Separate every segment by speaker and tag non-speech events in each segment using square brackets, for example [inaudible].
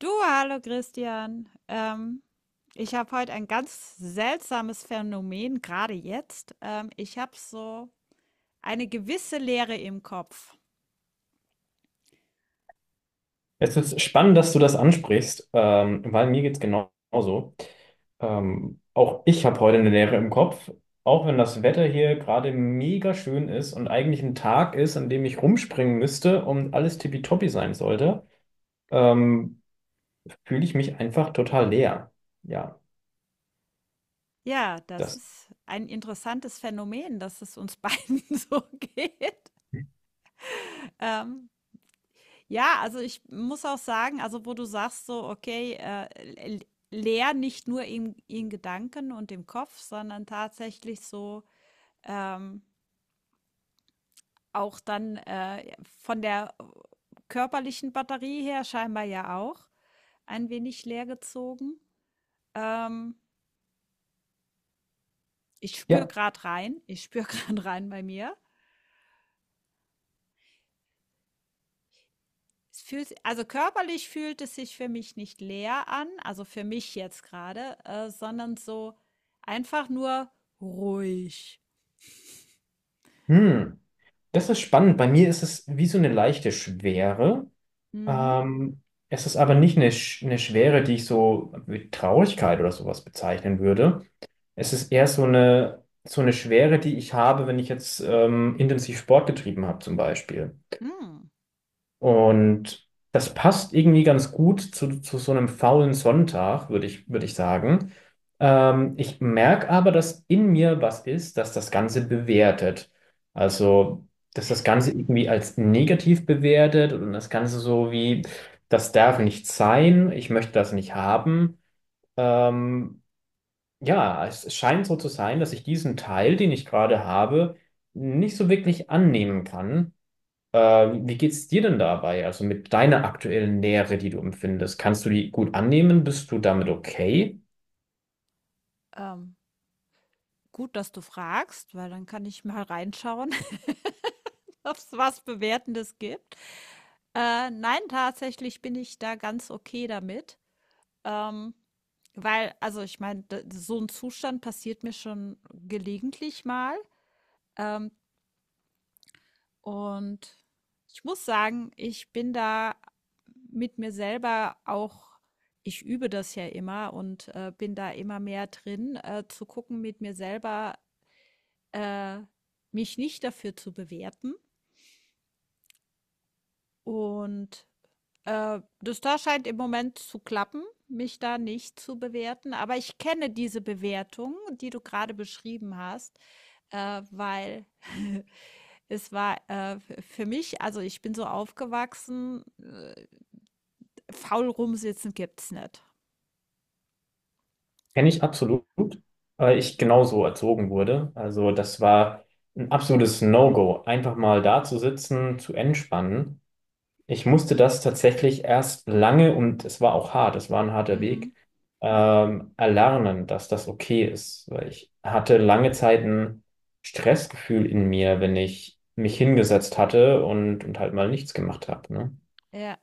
Speaker 1: Du, hallo Christian. Ich habe heute ein ganz seltsames Phänomen, gerade jetzt. Ich habe so eine gewisse Leere im Kopf.
Speaker 2: Es ist spannend, dass du das ansprichst, weil mir geht's genauso. Auch ich habe heute eine Leere im Kopf, auch wenn das Wetter hier gerade mega schön ist und eigentlich ein Tag ist, an dem ich rumspringen müsste und alles tippitoppi sein sollte, ähm, fühle ich mich einfach total leer. Ja,
Speaker 1: Ja, das
Speaker 2: das,
Speaker 1: ist ein interessantes Phänomen, dass es uns [laughs] beiden so geht. Ähm, ja, also ich muss auch sagen, also wo du sagst so, okay, le- leer nicht nur in Gedanken und im Kopf, sondern tatsächlich so, ähm, auch dann von der körperlichen Batterie her scheinbar ja auch ein wenig leer gezogen. Ähm, Ich spüre
Speaker 2: ja,
Speaker 1: gerade rein, ich spüre gerade [laughs] rein bei mir. Es fühlt, also körperlich fühlt es sich für mich nicht leer an, also für mich jetzt gerade, sondern so einfach nur ruhig.
Speaker 2: hm, das ist spannend. Bei mir ist es wie so eine leichte Schwere.
Speaker 1: Mhm.
Speaker 2: Ähm, Es ist aber nicht eine, eine Schwere, die ich so mit Traurigkeit oder sowas bezeichnen würde. Es ist eher so eine Schwere, die ich habe, wenn ich jetzt intensiv Sport getrieben habe, zum Beispiel.
Speaker 1: Mhm.
Speaker 2: Und das passt irgendwie ganz gut zu so einem faulen Sonntag, würde ich sagen. Ich merke aber, dass in mir was ist, dass das Ganze bewertet. Also, dass das Ganze irgendwie als negativ bewertet und das Ganze so wie, das darf nicht sein, ich möchte das nicht haben. Ähm, ja, es scheint so zu sein, dass ich diesen Teil, den ich gerade habe, nicht so wirklich annehmen kann. Wie geht's dir denn dabei? Also mit deiner aktuellen Nähe, die du empfindest, kannst du die gut annehmen? Bist du damit okay?
Speaker 1: Ähm, gut, dass du fragst, weil dann kann ich mal reinschauen, [laughs] ob es was Bewertendes gibt. Nein, tatsächlich bin ich da ganz okay damit. Ähm, Weil, also ich meine, so ein Zustand passiert mir schon gelegentlich mal. Ähm, und ich muss sagen, ich bin da mit mir selber auch, ich übe das ja immer und bin da immer mehr drin, zu gucken, mit mir selber äh, mich nicht dafür zu bewerten und das da scheint im Moment zu klappen, mich da nicht zu bewerten. Aber ich kenne diese Bewertung, die du gerade beschrieben hast, weil [laughs] es war für mich, also ich bin so aufgewachsen, faul rumsitzen gibt's nicht.
Speaker 2: Kenne ich absolut, weil ich genauso erzogen wurde. Also das war ein absolutes No-Go, einfach mal da zu sitzen, zu entspannen. Ich musste das tatsächlich erst lange und es war auch hart, es war ein harter
Speaker 1: Mhm.
Speaker 2: Weg, erlernen, dass das okay ist, weil ich hatte lange Zeit ein Stressgefühl in mir, wenn ich mich hingesetzt hatte und halt mal nichts gemacht habe, ne?
Speaker 1: Ja,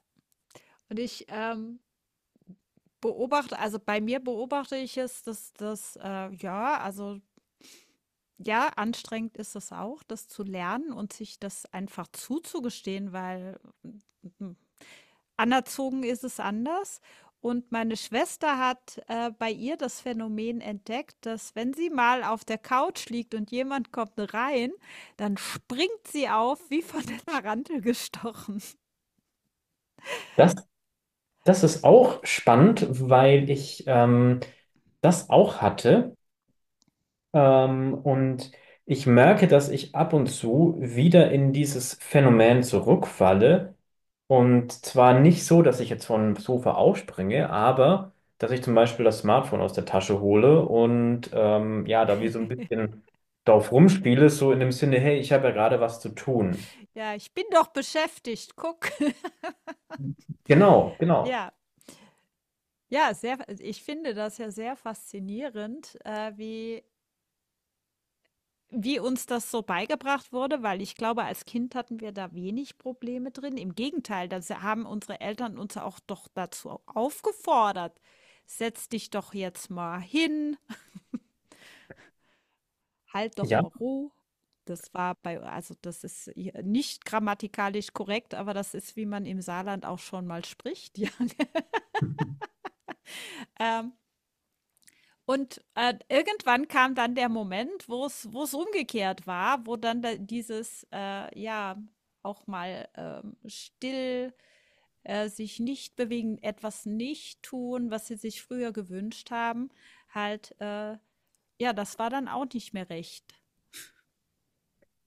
Speaker 1: und ich beobachte, also bei mir beobachte ich es, dass das, ja, also ja, anstrengend ist es auch, das zu lernen und sich das einfach zuzugestehen, weil anerzogen ist es anders. Und meine Schwester hat, bei ihr das Phänomen entdeckt, dass wenn sie mal auf der Couch liegt und jemand kommt rein, dann springt sie auf wie von der Tarantel gestochen.
Speaker 2: Das, das ist auch spannend, weil ich das auch hatte. Und ich merke, dass ich ab und zu wieder in dieses Phänomen zurückfalle. Und zwar nicht so, dass ich jetzt vom Sofa aufspringe, aber dass ich zum Beispiel das Smartphone aus der Tasche hole und ja, da wie so ein bisschen drauf rumspiele, so in dem Sinne, hey, ich habe ja gerade was zu tun.
Speaker 1: „Ja, ich bin doch beschäftigt, guck.“ [laughs]
Speaker 2: Genau, genau.
Speaker 1: Ja, ja, sehr ich finde das ja sehr faszinierend, wie uns das so beigebracht wurde, weil ich glaube, als Kind hatten wir da wenig Probleme drin. Im Gegenteil, da haben unsere Eltern uns auch doch dazu aufgefordert. Setz dich doch jetzt mal hin, halt doch
Speaker 2: Ja.
Speaker 1: mal Ruhe. Das war bei, also das ist hier nicht grammatikalisch korrekt, aber das ist, wie man im Saarland auch schon mal spricht. [laughs] Ja. Ähm, Und, irgendwann kam dann der Moment, wo es umgekehrt war, wo dann da dieses, ja, auch mal, still, sich nicht bewegen, etwas nicht tun, was sie sich früher gewünscht haben, halt, ja, das war dann auch nicht mehr recht.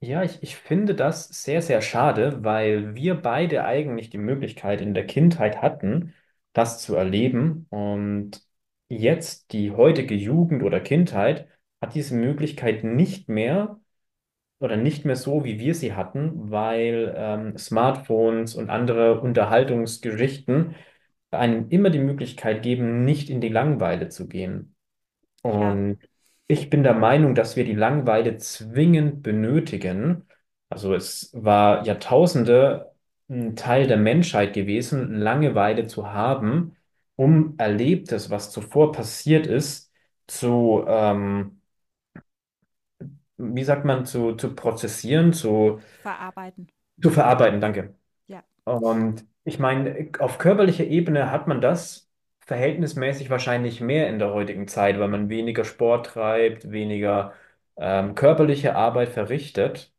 Speaker 2: Ja, ich finde das sehr, sehr schade, weil wir beide eigentlich die Möglichkeit in der Kindheit hatten, das zu erleben. Und jetzt die heutige Jugend oder Kindheit hat diese Möglichkeit nicht mehr oder nicht mehr so, wie wir sie hatten, weil Smartphones und andere Unterhaltungsgeschichten einem immer die Möglichkeit geben, nicht in die Langeweile zu gehen.
Speaker 1: Ja,
Speaker 2: Und ich bin der Meinung, dass wir die Langeweile zwingend benötigen. Also es war Jahrtausende ein Teil der Menschheit gewesen, Langeweile zu haben, um Erlebtes, was zuvor passiert ist, zu, wie sagt man, zu prozessieren,
Speaker 1: verarbeiten.
Speaker 2: zu verarbeiten. Danke.
Speaker 1: Ja.
Speaker 2: Und ich meine, auf körperlicher Ebene hat man das verhältnismäßig wahrscheinlich mehr in der heutigen Zeit, weil man weniger Sport treibt, weniger körperliche Arbeit verrichtet.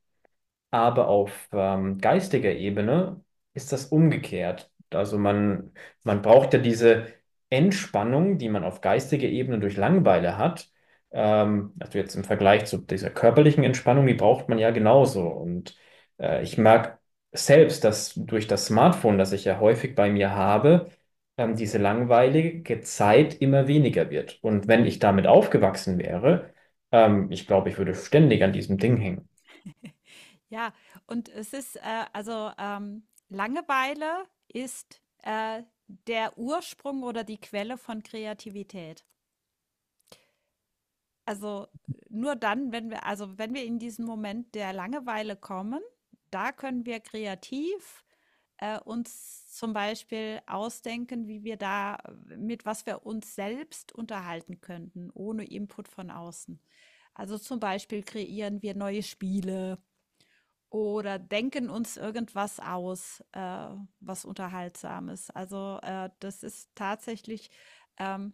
Speaker 2: Aber auf geistiger Ebene ist das umgekehrt. Also man braucht ja diese Entspannung, die man auf geistiger Ebene durch Langeweile hat. Also jetzt im Vergleich zu dieser körperlichen Entspannung, die braucht man ja genauso. Und ich merke selbst, dass durch das Smartphone, das ich ja häufig bei mir habe, diese langweilige Zeit immer weniger wird. Und wenn ich damit aufgewachsen wäre, ich glaube, ich würde ständig an diesem Ding hängen.
Speaker 1: Ja, und es ist, also, Langeweile ist, der Ursprung oder die Quelle von Kreativität. Also, nur dann, wenn wir in diesen Moment der Langeweile kommen, da können wir kreativ, uns zum Beispiel ausdenken, wie wir da mit was wir uns selbst unterhalten könnten, ohne Input von außen. Also, zum Beispiel kreieren wir neue Spiele oder denken uns irgendwas aus, was Unterhaltsames. Also, das ist tatsächlich, ähm,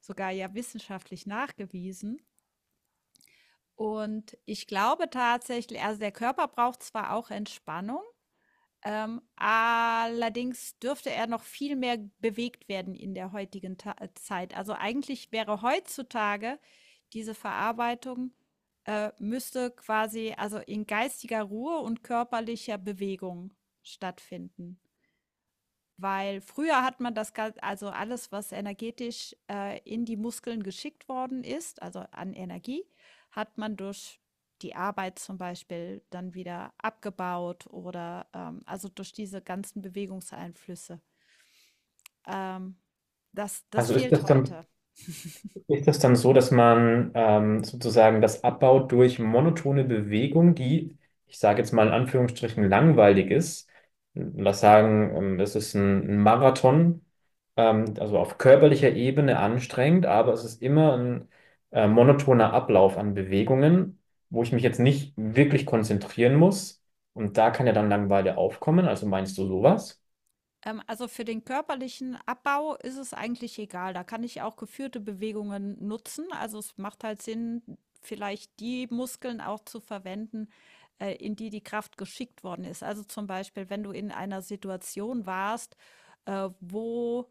Speaker 1: sogar ja wissenschaftlich nachgewiesen. Und ich glaube tatsächlich, also, der Körper braucht zwar auch Entspannung, allerdings dürfte er noch viel mehr bewegt werden in der heutigen Ta Zeit. Also, eigentlich wäre heutzutage diese Verarbeitung müsste quasi also in geistiger Ruhe und körperlicher Bewegung stattfinden. Weil früher hat man das Gan also alles, was energetisch, in die Muskeln geschickt worden ist, also an Energie, hat man durch die Arbeit zum Beispiel dann wieder abgebaut oder, also durch diese ganzen Bewegungseinflüsse. Ähm, das
Speaker 2: Also ist
Speaker 1: fehlt
Speaker 2: das dann
Speaker 1: heute.
Speaker 2: ist das dann so, dass man sozusagen das abbaut durch monotone Bewegung, die, ich sage jetzt mal in Anführungsstrichen, langweilig ist? Lass sagen, es ist ein Marathon, also auf körperlicher Ebene anstrengend, aber es ist immer ein monotoner Ablauf an Bewegungen, wo ich mich jetzt nicht wirklich konzentrieren muss. Und da kann ja dann Langeweile aufkommen. Also meinst du sowas?
Speaker 1: Also für den körperlichen Abbau ist es eigentlich egal. Da kann ich auch geführte Bewegungen nutzen. Also es macht halt Sinn, vielleicht die Muskeln auch zu verwenden, in die Kraft geschickt worden ist. Also zum Beispiel, wenn du in einer Situation warst, wo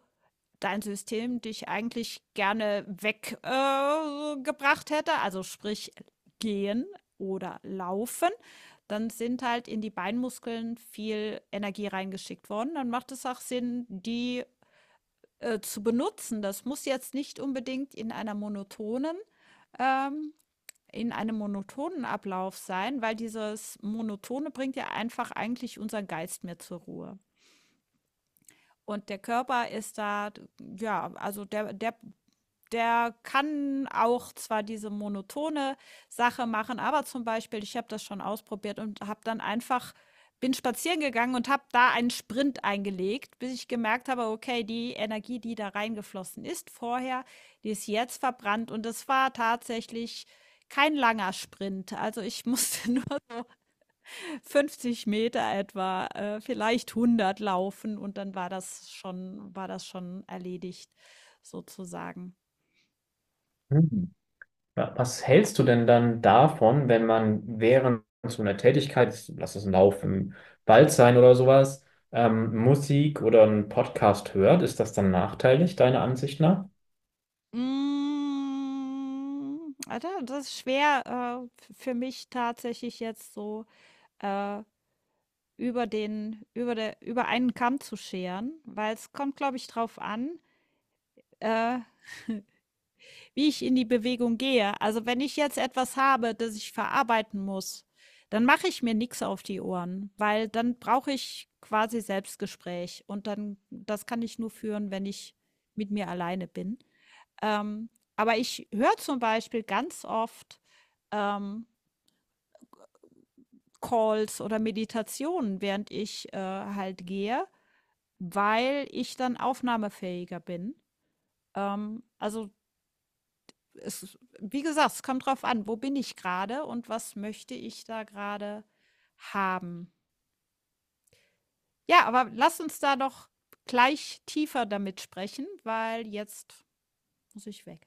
Speaker 1: dein System dich eigentlich gerne weggebracht hätte, also sprich gehen oder laufen, dann sind halt in die Beinmuskeln viel Energie reingeschickt worden. Dann macht es auch Sinn, die zu benutzen. Das muss jetzt nicht unbedingt in einer monotonen ähm, in einem monotonen Ablauf sein, weil dieses Monotone bringt ja einfach eigentlich unseren Geist mehr zur Ruhe. Und der Körper ist da, ja, der kann auch zwar diese monotone Sache machen, aber zum Beispiel, ich habe das schon ausprobiert und habe dann einfach, bin spazieren gegangen und habe da einen Sprint eingelegt, bis ich gemerkt habe, okay, die Energie, die da reingeflossen ist vorher, die ist jetzt verbrannt und es war tatsächlich kein langer Sprint. Also ich [laughs] musste nur 50 Meter etwa, vielleicht 100 laufen und dann war das schon erledigt sozusagen.
Speaker 2: Hm. Ja, was hältst du denn dann davon, wenn man während so einer Tätigkeit, lass es ein Lauf im Wald sein oder sowas, Musik oder einen Podcast hört? Ist das dann nachteilig, deiner Ansicht nach?
Speaker 1: Da das ist schwer, f für mich tatsächlich jetzt so, äh, über den über der über einen Kamm zu scheren, weil es kommt, glaube ich, drauf an, äh, wie ich in die Bewegung gehe. Also, wenn ich jetzt etwas habe, das ich verarbeiten muss, dann mache ich mir nichts auf die Ohren, weil dann brauche ich quasi Selbstgespräch und dann das kann ich nur führen, wenn ich mit mir alleine bin. Ähm, aber ich höre zum Beispiel ganz oft, ähm, Calls oder Meditationen, während ich, halt gehe, weil ich dann aufnahmefähiger bin. Also, es wie gesagt, es kommt drauf an, wo bin ich gerade und was möchte ich da gerade haben. Ja, aber lass uns da doch gleich tiefer damit sprechen, weil jetzt muss ich weg.